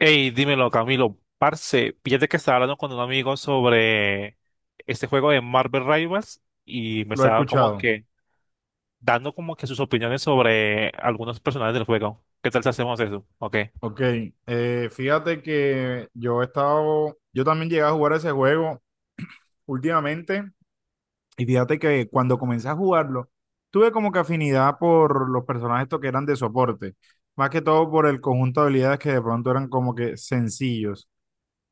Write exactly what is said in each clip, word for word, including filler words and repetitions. Hey, dímelo, Camilo. Parce, fíjate que estaba hablando con un amigo sobre este juego de Marvel Rivals y me Lo he estaba como escuchado. que dando como que sus opiniones sobre algunos personajes del juego. ¿Qué tal si hacemos eso? Ok. Ok. Eh, fíjate que yo he estado, yo también llegué a jugar ese juego últimamente. Y fíjate que cuando comencé a jugarlo, tuve como que afinidad por los personajes estos que eran de soporte, más que todo por el conjunto de habilidades que de pronto eran como que sencillos.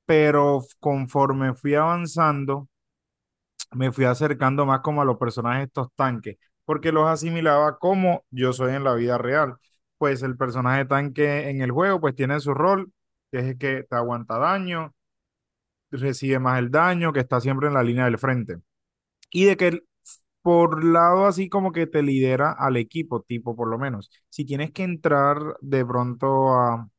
Pero conforme fui avanzando, me fui acercando más como a los personajes de estos tanques, porque los asimilaba como yo soy en la vida real. Pues el personaje tanque en el juego pues tiene su rol, que es el que te aguanta daño, recibe más el daño, que está siempre en la línea del frente. Y de que el- por lado así como que te lidera al equipo, tipo por lo menos. Si tienes que entrar de pronto a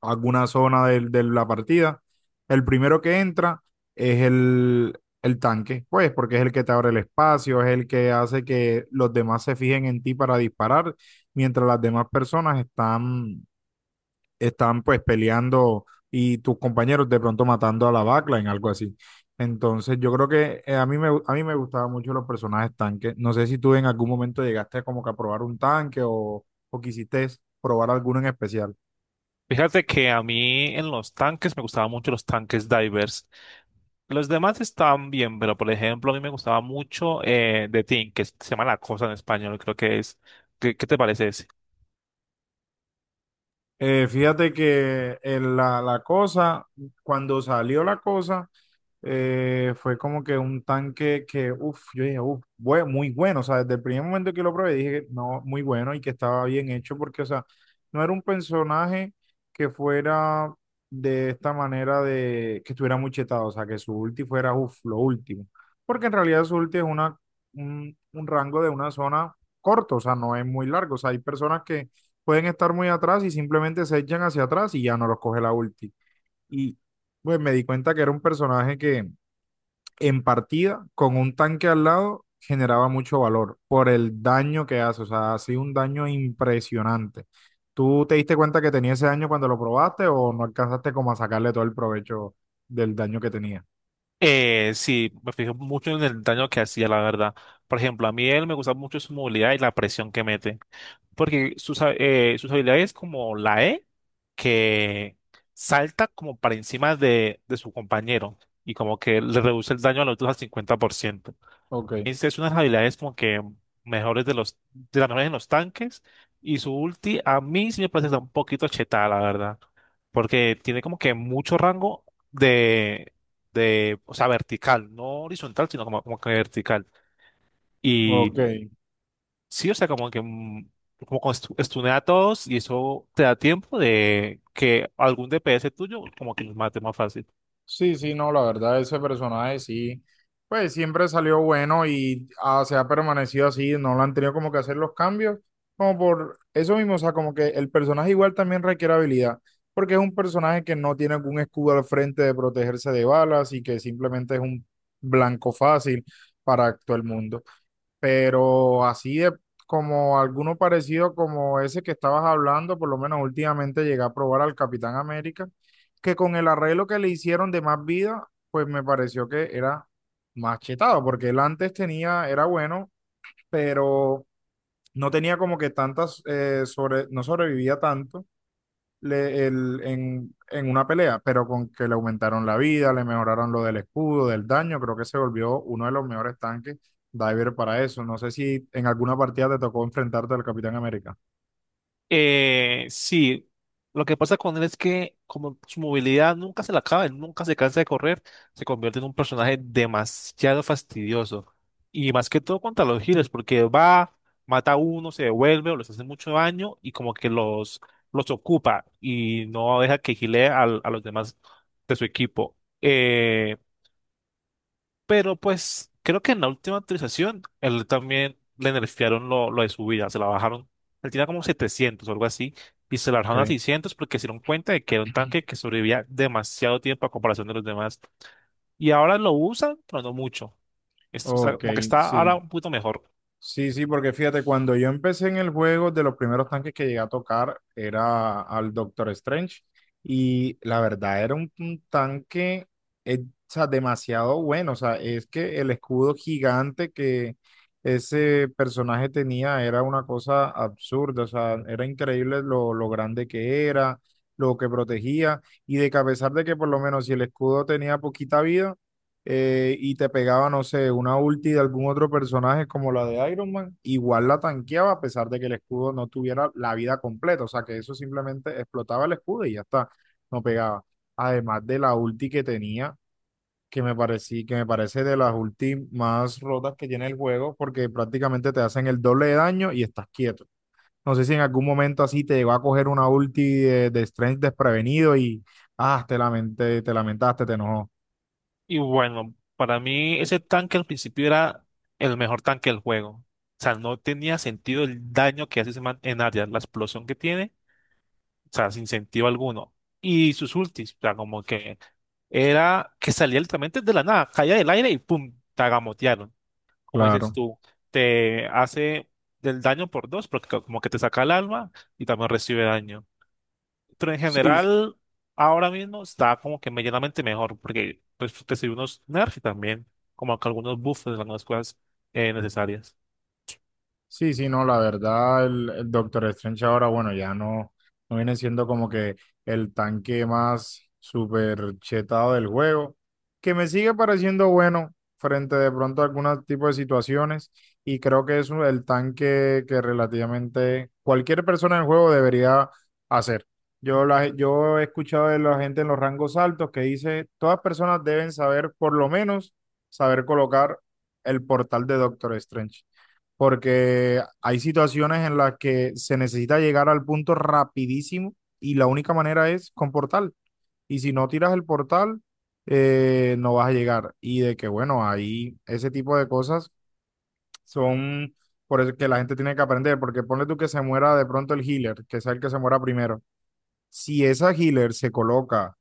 alguna zona de, de la partida. El primero que entra es el, el tanque, pues, porque es el que te abre el espacio, es el que hace que los demás se fijen en ti para disparar, mientras las demás personas están, están pues peleando y tus compañeros de pronto matando a la backline, algo así. Entonces, yo creo que eh, a mí me, a mí me gustaban mucho los personajes tanques. No sé si tú en algún momento llegaste como que a probar un tanque o, o quisiste probar alguno en especial. Fíjate que a mí en los tanques me gustaban mucho los tanques divers. Los demás están bien, pero por ejemplo a mí me gustaba mucho eh, The Thing, que se llama La Cosa en español, creo que es. ¿Qué, qué te parece ese? Eh, fíjate que en la, la cosa, cuando salió la cosa, eh, fue como que un tanque que, uff, yo dije, uff, muy bueno. O sea, desde el primer momento que lo probé dije que no, muy bueno y que estaba bien hecho porque, o sea, no era un personaje que fuera de esta manera de que estuviera muy chetado, o sea, que su ulti fuera, uff, lo último. Porque en realidad su ulti es una, un, un rango de una zona corto, o sea, no es muy largo. O sea, hay personas que pueden estar muy atrás y simplemente se echan hacia atrás y ya no los coge la ulti. Y pues me di cuenta que era un personaje que en partida con un tanque al lado generaba mucho valor por el daño que hace, o sea, ha sido un daño impresionante. ¿Tú te diste cuenta que tenía ese daño cuando lo probaste o no alcanzaste como a sacarle todo el provecho del daño que tenía? Eh, sí, me fijo mucho en el daño que hacía, la verdad. Por ejemplo, a mí él me gusta mucho su movilidad y la presión que mete. Porque sus, ha- eh, sus habilidades como la E, que salta como para encima de, de su compañero y como que le reduce el daño a los otros al cincuenta por ciento. Ok, Esa es una de las habilidades como que mejores de los, de las mejores en los tanques. Y su ulti a mí sí me parece que está un poquito chetada, la verdad, porque tiene como que mucho rango de, de, o sea, vertical, no horizontal, sino como, como que vertical. ok. Y sí, o sea, como que mm, como con estu- estunea a todos y eso te da tiempo de que algún D P S tuyo como que los mate más fácil. Sí, sí, no, la verdad, ese personaje sí, pues siempre salió bueno y ah, se ha permanecido así, no lo han tenido como que hacer los cambios, como por eso mismo, o sea, como que el personaje igual también requiere habilidad, porque es un personaje que no tiene algún escudo al frente de protegerse de balas y que simplemente es un blanco fácil para todo el mundo, pero así de como alguno parecido como ese que estabas hablando, por lo menos últimamente llegué a probar al Capitán América, que con el arreglo que le hicieron de más vida, pues me pareció que era más chetado, porque él antes tenía, era bueno, pero no tenía como que tantas, eh, sobre, no sobrevivía tanto le- el- en, en una pelea, pero con que le aumentaron la vida, le mejoraron lo del escudo, del daño, creo que se volvió uno de los mejores tanques diver para eso. No sé si en alguna partida te tocó enfrentarte al Capitán América. Eh, sí, lo que pasa con él es que como su movilidad nunca se la acaba, él nunca se cansa de correr, se convierte en un personaje demasiado fastidioso. Y más que todo contra los healers, porque va, mata a uno, se devuelve o les hace mucho daño y como que los, los ocupa y no deja que healee al- a los demás de su equipo. Eh, pero pues creo que en la última actualización él también le nerfearon lo, lo de su vida, se la bajaron. Él tenía como setecientos o algo así y se la bajaron a Ok, seiscientos porque se dieron cuenta de que era un tanque que sobrevivía demasiado tiempo a comparación de los demás. Y ahora lo usan, pero no mucho. Es- o sea, ok, como que está ahora sí. un poquito mejor. Sí, sí, porque fíjate, cuando yo empecé en el juego, de los primeros tanques que llegué a tocar era al Doctor Strange y la verdad era un, un tanque eh, o sea, demasiado bueno, o sea, es que el escudo gigante que ese personaje tenía era una cosa absurda, o sea, era increíble lo, lo grande que era, lo que protegía y de que a pesar de que por lo menos si el escudo tenía poquita vida, eh, y te pegaba, no sé, una ulti de algún otro personaje como la de Iron Man, igual la tanqueaba a pesar de que el escudo no tuviera la vida completa, o sea que eso simplemente explotaba el escudo y ya está, no pegaba. Además de la ulti que tenía, que me parecí, que me parece de las ulti más rotas que tiene el juego, porque prácticamente te hacen el doble de daño y estás quieto. No sé si en algún momento así te llegó a coger una ulti de, de Strength desprevenido y ah, te lamenté, te lamentaste, te enojó. Y bueno, para mí ese tanque al principio era el mejor tanque del juego. O sea, no tenía sentido el daño que hace ese man en área, la explosión que tiene, o sea, sin sentido alguno. Y sus ultis, o sea, como que era que salía literalmente de la nada, caía del aire y pum, te agamotearon. Como dices Claro. tú, te hace del daño por dos, porque co- como que te saca el alma y también recibe daño. Pero en Sí, general, ahora mismo está como que medianamente mejor, porque pues recibe unos nerfs y también como que algunos buffs de algunas cosas eh, necesarias. sí, sí, no, la verdad, el, el Doctor Strange ahora, bueno, ya no, no viene siendo como que el tanque más super chetado del juego, que me sigue pareciendo bueno frente de pronto a algunos tipos de situaciones y creo que es un- el tanque que relativamente cualquier persona en el juego debería hacer. Yo, la, yo he escuchado de la gente en los rangos altos que dice, todas personas deben saber por lo menos saber colocar el portal de Doctor Strange porque hay situaciones en las que se necesita llegar al punto rapidísimo y la única manera es con portal. Y si no tiras el portal, eh, no vas a llegar. Y de que, bueno, ahí ese tipo de cosas son por eso que la gente tiene que aprender, porque ponle tú que se muera de pronto el healer, que sea el que se muera primero. Si esa healer se coloca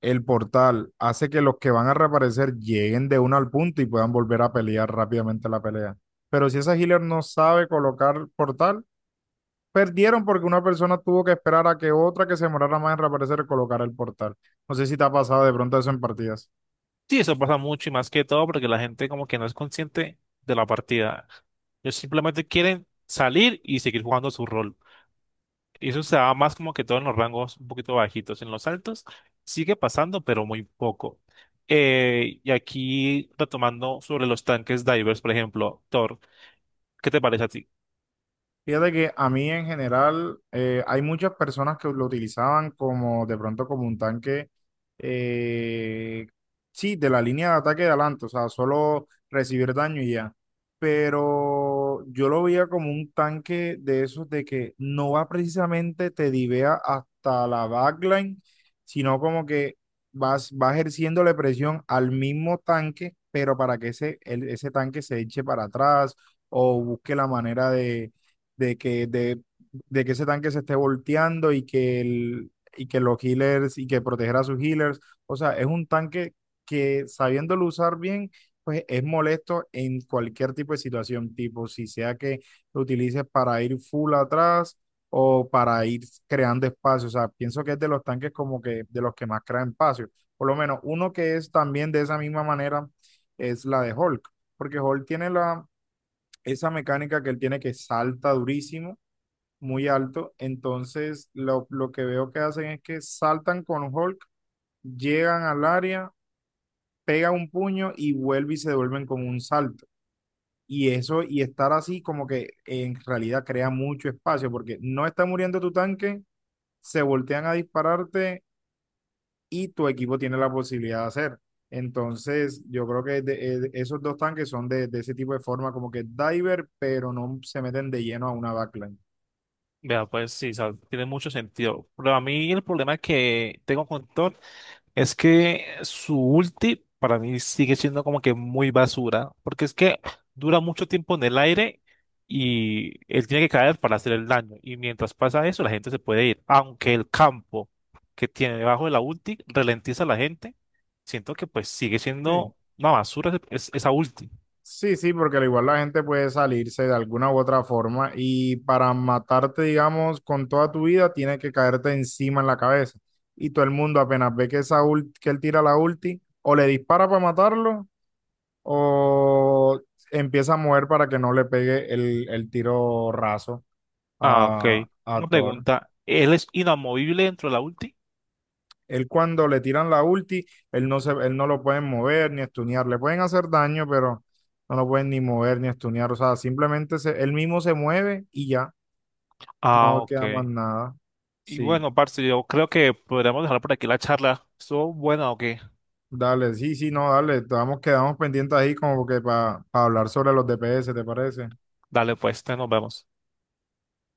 el portal hace que los que van a reaparecer lleguen de una al punto y puedan volver a pelear rápidamente la pelea. Pero si esa healer no sabe colocar portal, perdieron porque una persona tuvo que esperar a que otra que se demorara más en reaparecer colocara el portal. No sé si te ha pasado de pronto eso en partidas. Sí, eso pasa mucho y más que todo porque la gente como que no es consciente de la partida. Ellos simplemente quieren salir y seguir jugando su rol. Y eso se da más como que todo en los rangos un poquito bajitos. En los altos sigue pasando, pero muy poco. Eh, y aquí retomando sobre los tanques divers, por ejemplo, Thor, ¿qué te parece a ti? Fíjate que a mí en general eh, hay muchas personas que lo utilizaban como de pronto como un tanque, eh, sí, de la línea de ataque de adelante, o sea, solo recibir daño y ya. Pero yo lo veía como un tanque de esos de que no va precisamente te divea hasta la backline, sino como que vas, va ejerciéndole presión al mismo tanque, pero para que ese, el- ese tanque se eche para atrás o busque la manera de de que, de, de que ese tanque se esté volteando y que, el, y que los healers y que proteger a sus healers. O sea, es un tanque que sabiéndolo usar bien, pues es molesto en cualquier tipo de situación, tipo si sea que lo utilices para ir full atrás o para ir creando espacio. O sea, pienso que es de los tanques como que de los que más crean espacio. Por lo menos uno que es también de esa misma manera es la de Hulk, porque Hulk tiene la, esa mecánica que él tiene que salta durísimo muy alto. Entonces, lo, lo que veo que hacen es que saltan con Hulk, llegan al área, pega un puño y vuelve y se devuelven con un salto. Y eso, y estar así como que en realidad crea mucho espacio porque no está muriendo tu tanque, se voltean a dispararte y tu equipo tiene la posibilidad de hacer. Entonces, yo creo que de- eh, esos dos tanques son de, de ese tipo de forma, como que diver, pero no se meten de lleno a una backline. Vea, pues sí, o sea, tiene mucho sentido. Pero a mí el problema que tengo con Thor es que su ulti para mí sigue siendo como que muy basura, porque es que dura mucho tiempo en el aire y él tiene que caer para hacer el daño. Y mientras pasa eso, la gente se puede ir. Aunque el campo que tiene debajo de la ulti ralentiza a la gente, siento que pues sigue Sí. siendo una basura ese- es- esa ulti. Sí, sí, porque al igual la gente puede salirse de alguna u otra forma y para matarte, digamos, con toda tu vida, tiene que caerte encima en la cabeza. Y todo el mundo apenas ve que, esa ult- que él tira la ulti, o le dispara para matarlo, o empieza a mover para que no le pegue el, el tiro raso Ah, ok. a, a Una Thor. pregunta, ¿él es inamovible dentro de la ulti? Él cuando le tiran la ulti, él no se, él no lo pueden mover ni estunear. Le pueden hacer daño, pero no lo pueden ni mover ni estunear. O sea, simplemente se, él mismo se mueve y ya. Ah, No queda más ok. nada. Y Sí, bueno, parce, yo creo que podríamos dejar por aquí la charla. ¿Estuvo buena o qué? dale, sí, sí, no, dale. Estamos, quedamos pendientes ahí como que para hablar sobre los D P S, ¿te parece? Dale, pues, te nos vemos.